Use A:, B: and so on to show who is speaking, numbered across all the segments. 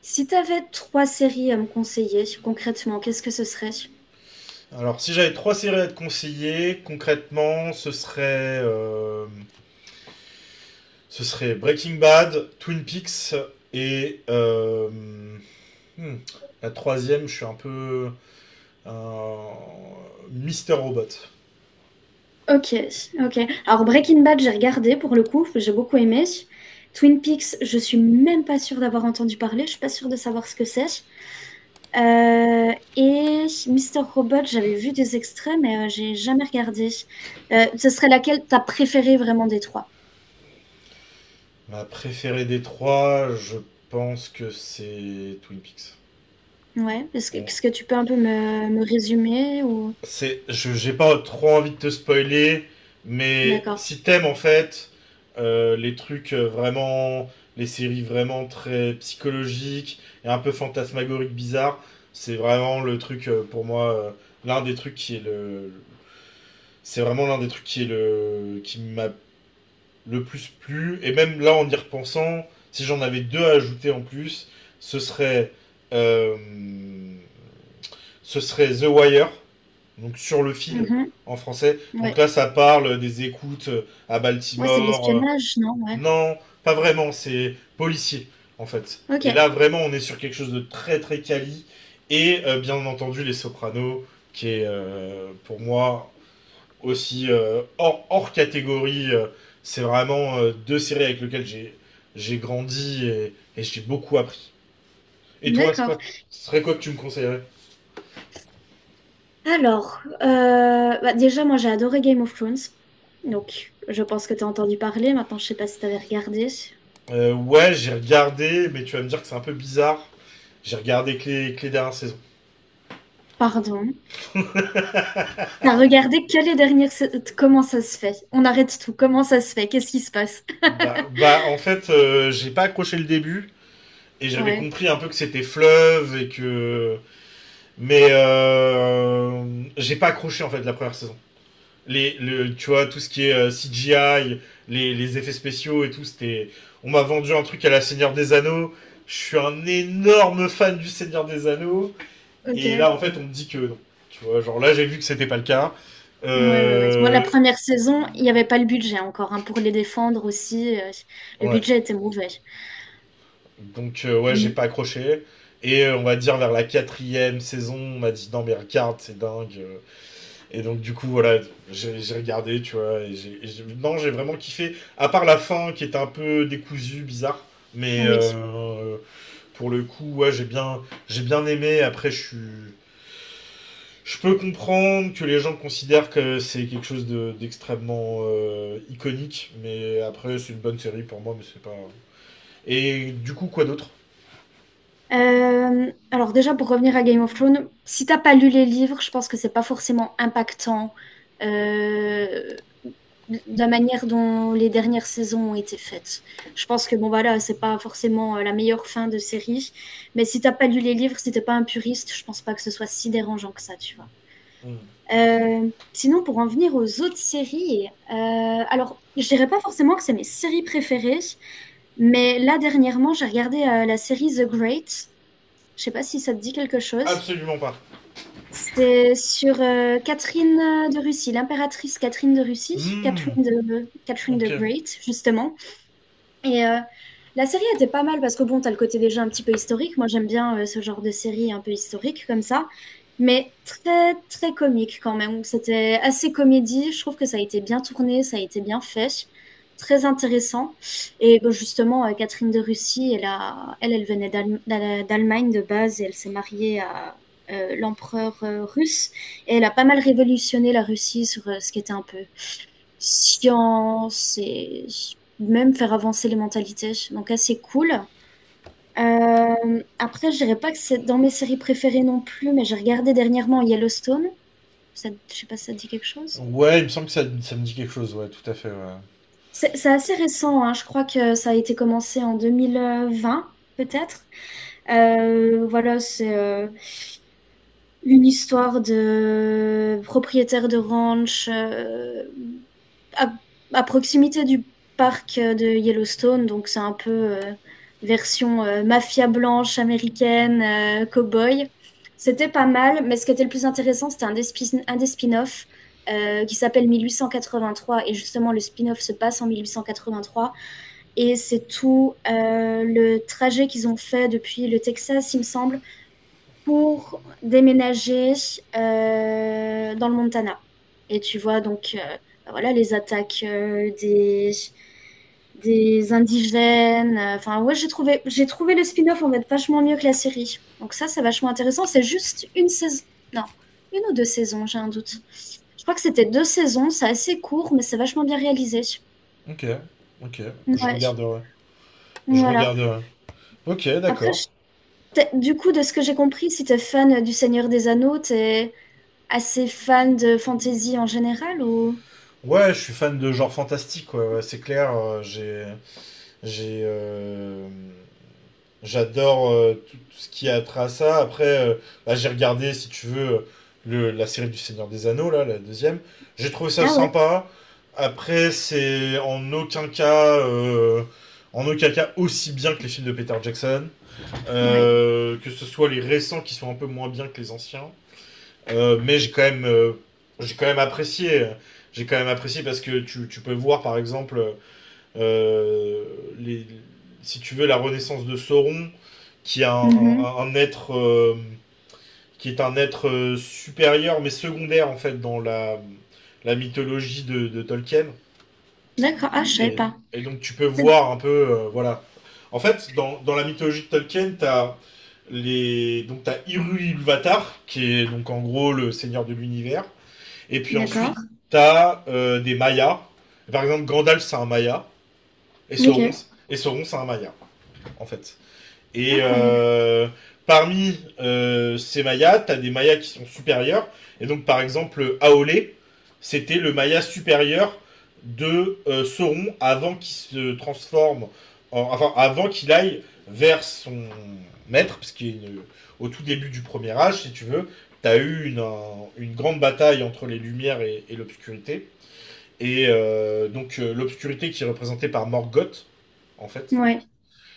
A: Si t'avais trois séries à me conseiller, concrètement, qu'est-ce que ce serait?
B: Alors, si j'avais trois séries à te conseiller, concrètement, ce serait Breaking Bad, Twin Peaks et hmm, la troisième, je suis un peu un Mister Robot.
A: Ok, ok. Alors Breaking Bad, j'ai regardé pour le coup, j'ai beaucoup aimé. Twin Peaks, je suis même pas sûre d'avoir entendu parler, je suis pas sûre de savoir ce que c'est. Et Mister Robot, j'avais vu des extraits, mais j'ai jamais regardé. Ce serait laquelle t'as préférée vraiment des trois?
B: Ma préférée des trois, je pense que c'est Twin Peaks.
A: Ouais. Est-ce que,
B: En
A: est-ce que tu peux un peu me résumer ou...
B: j'ai pas trop envie de te spoiler, mais
A: D'accord.
B: si t'aimes en fait, les trucs, vraiment, les séries vraiment très psychologiques et un peu fantasmagoriques, bizarres, c'est vraiment le truc, pour moi, l'un des trucs qui est le, l'un des trucs qui est le, qui m'a le plus plu. Et même là, en y repensant, si j'en avais deux à ajouter en plus, ce serait euh, ce serait The Wire, donc sur le fil
A: Mhm.
B: en français. Donc
A: Ouais.
B: là, ça parle des écoutes, à
A: Ouais, c'est de
B: Baltimore.
A: l'espionnage, non? Ouais.
B: Non, pas vraiment, c'est policier en fait.
A: Ok.
B: Et là, vraiment, on est sur quelque chose de très très quali. Et, bien entendu, Les Sopranos, qui est, pour moi aussi, hors catégorie. C'est vraiment, deux séries avec lesquelles j'ai grandi, et j'ai beaucoup appris. Et toi,
A: D'accord.
B: ce serait quoi que tu me conseillerais?
A: Alors, bah, déjà, moi j'ai adoré Game of Thrones. Donc, je pense que tu as entendu parler. Maintenant, je sais pas si tu avais regardé.
B: Ouais, j'ai regardé, mais tu vas me dire que c'est un peu bizarre. J'ai regardé que que les dernières saisons.
A: Pardon. T'as regardé que les dernières... sa- Comment ça se fait? On arrête tout. Comment ça se fait? Qu'est-ce qui se passe?
B: Bah en fait, j'ai pas accroché le début et j'avais
A: Ouais,
B: compris un peu que c'était fleuve et que. Mais j'ai pas accroché en fait la première saison. Tu vois, tout ce qui est CGI, les effets spéciaux et tout, c'était. On m'a vendu un truc à la Seigneur des Anneaux. Je suis un énorme fan du Seigneur des Anneaux.
A: ok.
B: Et là,
A: Ouais,
B: en fait, on me dit que non. Tu vois, genre là, j'ai vu que c'était pas le cas.
A: ouais, ouais. Moi, la
B: Euh,
A: première saison, il n'y avait pas le budget encore, hein, pour les défendre aussi, le
B: ouais.
A: budget était mauvais.
B: Donc, ouais, j'ai pas
A: Mm.
B: accroché. Et on va dire vers la quatrième saison, on m'a dit non, mais regarde, c'est dingue. Et donc, du coup, voilà, j'ai regardé, tu vois. Non, j'ai vraiment kiffé. À part la fin qui était un peu décousue, bizarre. Mais
A: Oui.
B: pour le coup, ouais, j'ai bien aimé. Après, je suis. Je peux comprendre que les gens considèrent que c'est quelque chose d'extrêmement iconique, mais après, c'est une bonne série pour moi, mais c'est pas. Et du coup, quoi d'autre?
A: Alors déjà pour revenir à Game of Thrones, si t'as pas lu les livres, je pense que c'est pas forcément impactant euh, de la manière dont les dernières saisons ont été faites. Je pense que bon voilà, là, c'est pas forcément la meilleure fin de série, mais si t'as pas lu les livres, si t'es pas un puriste, je pense pas que ce soit si dérangeant que ça, tu vois.
B: Hmm.
A: Sinon pour en venir aux autres séries, alors je dirais pas forcément que c'est mes séries préférées. Mais là, dernièrement, j'ai regardé la série The Great. Je sais pas si ça te dit quelque chose.
B: Absolument pas.
A: C'est sur Catherine de Russie, l'impératrice Catherine de Russie,
B: Hmm,
A: Catherine the
B: ok.
A: Great, justement. Et la série était pas mal parce que bon, t'as le côté déjà un petit peu historique. Moi, j'aime bien ce genre de série un peu historique comme ça, mais très très comique quand même. C'était assez comédie. Je trouve que ça a été bien tourné, ça a été bien fait, très intéressant. Et bon, justement, Catherine de Russie, elle venait d'Allemagne de base et elle s'est mariée à l'empereur russe et elle a pas mal révolutionné la Russie sur ce qui était un peu science et même faire avancer les mentalités. Donc assez cool. Après, je dirais pas que c'est dans mes séries préférées non plus, mais j'ai regardé dernièrement Yellowstone. Ça, je sais pas si ça te dit quelque chose.
B: Ouais, il me semble que ça me dit quelque chose, ouais, tout à fait, ouais.
A: C'est assez récent, hein. Je crois que ça a été commencé en deux mille vingt peut-être. Voilà, c'est une histoire de propriétaire de ranch, à, à proximité du parc de Yellowstone, donc c'est un peu version mafia blanche américaine, cow-boy. C'était pas mal, mais ce qui était le plus intéressant, c'était un des spin-offs qui s'appelle 1883, et justement le spin-off se passe en 1883, et c'est tout le trajet qu'ils ont fait depuis le Texas, il me semble, pour déménager dans le Montana. Et tu vois donc bah voilà, les attaques des indigènes. Enfin, ouais, j'ai trouvé le spin-off en fait vachement mieux que la série. Donc ça, c'est vachement intéressant. C'est juste une saison. Non, une ou deux saisons, j'ai un doute. Je crois que c'était deux saisons. C'est assez court, mais c'est vachement bien réalisé.
B: Ok, ok. Je
A: Ouais,
B: regarderai. Je
A: voilà.
B: regarderai. Ok,
A: Après,
B: d'accord.
A: du coup, de ce que j'ai compris, si t'es fan du Seigneur des Anneaux, t'es assez fan de fantasy en général ou?
B: Ouais, je suis fan de genre fantastique, ouais, ouais, c'est clair. J'ai. euh, J'adore tout, tout ce qui a trait à ça. Après, bah, j'ai regardé, si tu veux, la série du Seigneur des Anneaux, là, la deuxième. J'ai trouvé ça
A: Ah ouais?
B: sympa. Après, c'est en aucun cas aussi bien que les films de Peter Jackson.
A: Ouais.
B: Que ce soit les récents qui sont un peu moins bien que les anciens. Mais j'ai quand même apprécié. J'ai quand même apprécié parce que tu peux voir, par exemple, euh, les, si tu veux, la renaissance de Sauron qui est un,
A: Mhm.
B: un- un être supérieur mais secondaire en fait dans la mythologie de Tolkien.
A: D'accord. Ah, je savais
B: Et,
A: pas.
B: et donc tu peux
A: C'est-
B: voir un peu voilà. En fait, dans la mythologie de Tolkien, t'as les donc t'as Ilúvatar qui est donc en gros le seigneur de l'univers. Et puis
A: D'accord.
B: ensuite t'as des Mayas. Par exemple, Gandalf c'est un Maya et Sauron
A: Ok.
B: et Sauron c'est un Maya en fait. Et
A: Incroyable.
B: euh, parmi ces mayas, tu as des mayas qui sont supérieurs. Et donc, par exemple, Aolé, c'était le maya supérieur de Sauron avant qu'il se transforme, enfin, avant qu'il aille vers son maître, parce qu'au tout début du premier âge, si tu veux, tu as eu une grande bataille entre les lumières et l'obscurité. Et donc, l'obscurité qui est représentée par Morgoth, en fait,
A: Ouais.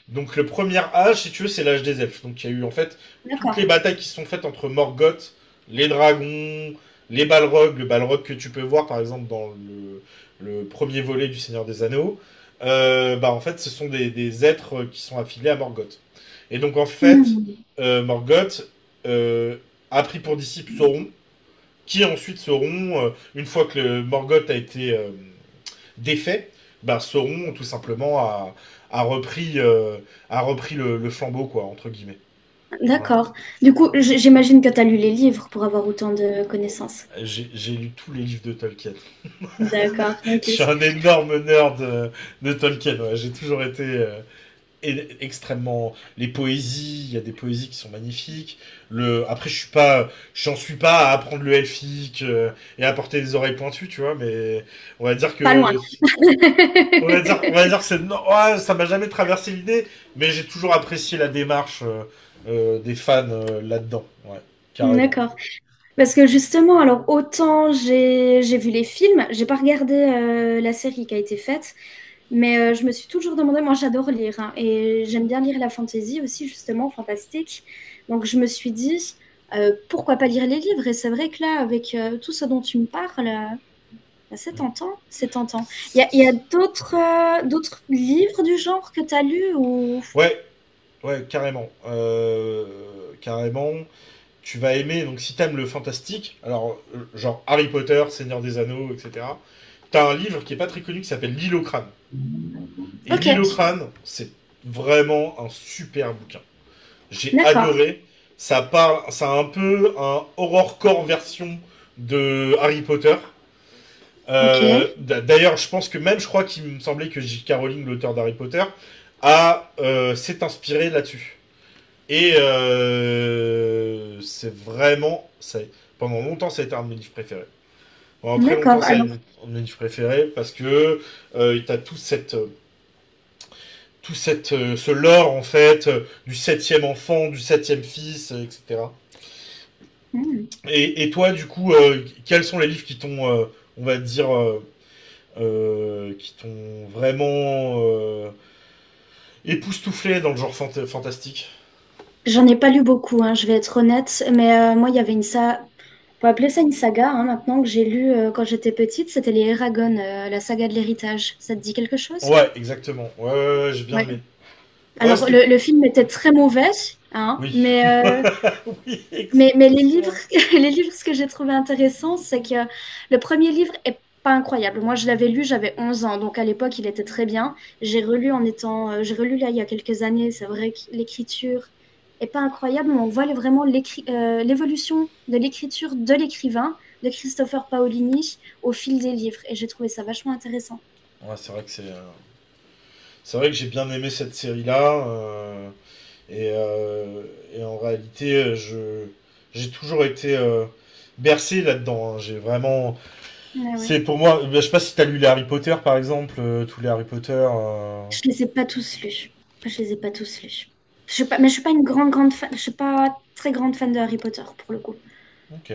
B: donc le premier âge, si tu veux, c'est l'âge des elfes. Donc il y a eu en fait toutes les
A: D'accord.
B: batailles qui se sont faites entre Morgoth, les dragons, les Balrogs, le Balrog que tu peux voir par exemple dans le premier volet du Seigneur des Anneaux. Bah en fait, ce sont des êtres qui sont affiliés à Morgoth. Et donc en fait,
A: Hmm.
B: Morgoth euh, a pris pour disciple Sauron, qui ensuite Sauron, une fois que le Morgoth a été défaits, bah, Sauron tout simplement a repris, euh, a repris le flambeau, quoi, entre guillemets. Voilà.
A: D'accord. Du coup, j- j'imagine que tu as lu les livres pour avoir autant de
B: Oh.
A: connaissances.
B: J'ai lu tous les livres de Tolkien.
A: D'accord.
B: Je
A: Ok.
B: suis un énorme nerd de Tolkien. Ouais. J'ai toujours été extrêmement. Les poésies, il y a des poésies qui sont magnifiques. Après, je suis pas, j'en suis pas à apprendre le elfique et à porter des oreilles pointues, tu vois. Mais on va dire
A: Pas loin.
B: que. On va dire, on va dire que c'est, non, ouais, ça m'a jamais traversé l'idée, mais j'ai toujours apprécié la démarche des fans là-dedans. Ouais, carrément.
A: D'accord. Parce que justement, alors autant j'ai vu les films, j'ai pas regardé la série qui a été faite. Mais je me suis toujours demandé, moi j'adore lire hein, et j'aime bien lire la fantasy aussi justement, fantastique. Donc je me suis dit, pourquoi pas lire les livres? Et c'est vrai que là, avec tout ce dont tu me parles, bah, c'est
B: Mm.
A: tentant, c'est tentant.
B: C'est-
A: Il y
B: c'est-
A: a d'autres d'autres livres du genre que tu as lus ou...
B: Ouais, ouais, carrément. Carrément. Tu vas aimer, donc si t'aimes le fantastique, alors genre Harry Potter, Seigneur des Anneaux, etc. T'as un livre qui est pas très connu qui s'appelle L'île au crâne. Et
A: Ok,
B: L'île au crâne, c'est vraiment un super bouquin. J'ai
A: d'accord,
B: adoré. Ça parle, ça a un peu un horrorcore version de Harry Potter.
A: ok,
B: Euh, D'ailleurs, je pense que même, je crois qu'il me semblait que J.K. Rowling, l'auteur d'Harry Potter, a s'est inspiré là-dessus. Et c'est vraiment, pendant longtemps, ça a été un de mes livres préférés. Pendant très longtemps,
A: d'accord.
B: ça a
A: Alors,
B: été un de mes livres préférés parce que t'as ce lore en fait du septième enfant, du septième fils, etc.
A: hmm.
B: Et toi, du coup, quels sont les livres qui t'ont, on va dire, qui t'ont vraiment époustouflé dans le genre fantastique?
A: J'en ai pas lu beaucoup, hein, je vais être honnête, mais moi, il y avait une saga, on peut appeler ça une saga, hein, maintenant que j'ai lu quand j'étais petite, c'était les Eragon, la saga de l'héritage. Ça te dit quelque chose?
B: Ouais, exactement. Ouais, ouais, ouais, j'ai bien
A: Ouais.
B: aimé. Ouais,
A: Alors,
B: c'était.
A: le film était très mauvais, hein,
B: Oui. Oui,
A: mais les livres,
B: excessivement.
A: les livres, ce que j'ai trouvé intéressant, c'est que le premier livre est pas incroyable. Moi, je l'avais lu, j'avais 11 ans, donc à l'époque, il était très bien. J'ai relu en étant, j'ai relu là il y a quelques années. C'est vrai que l'écriture est pas incroyable, mais on voit vraiment l'évolution de l'écriture de l'écrivain, de Christopher Paolini, au fil des livres. Et j'ai trouvé ça vachement intéressant.
B: Ouais. C'est vrai que c'est. euh, C'est vrai que j'ai bien aimé cette série-là. Et, euh, et en réalité, je j'ai toujours été bercé là-dedans. Hein. J'ai vraiment.
A: Ah ouais.
B: C'est pour moi. Ben, je sais pas si t'as lu les Harry Potter par exemple, tous les Harry Potter.
A: Je les ai pas tous lus. Je les ai pas tous lus. Je suis pas, Mais je suis pas une grande, grande fan. Je suis pas très grande fan de Harry Potter pour le coup.
B: Ok,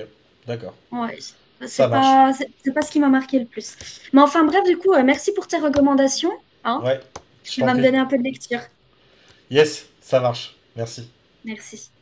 B: d'accord.
A: Ouais,
B: Ça marche.
A: c'est pas ce qui m'a marqué le plus. Mais enfin bref, du coup, merci pour tes recommandations, hein.
B: Ouais, je
A: Ça
B: t'en
A: va me
B: prie.
A: donner un peu de lecture.
B: Yes, ça marche. Merci.
A: Merci.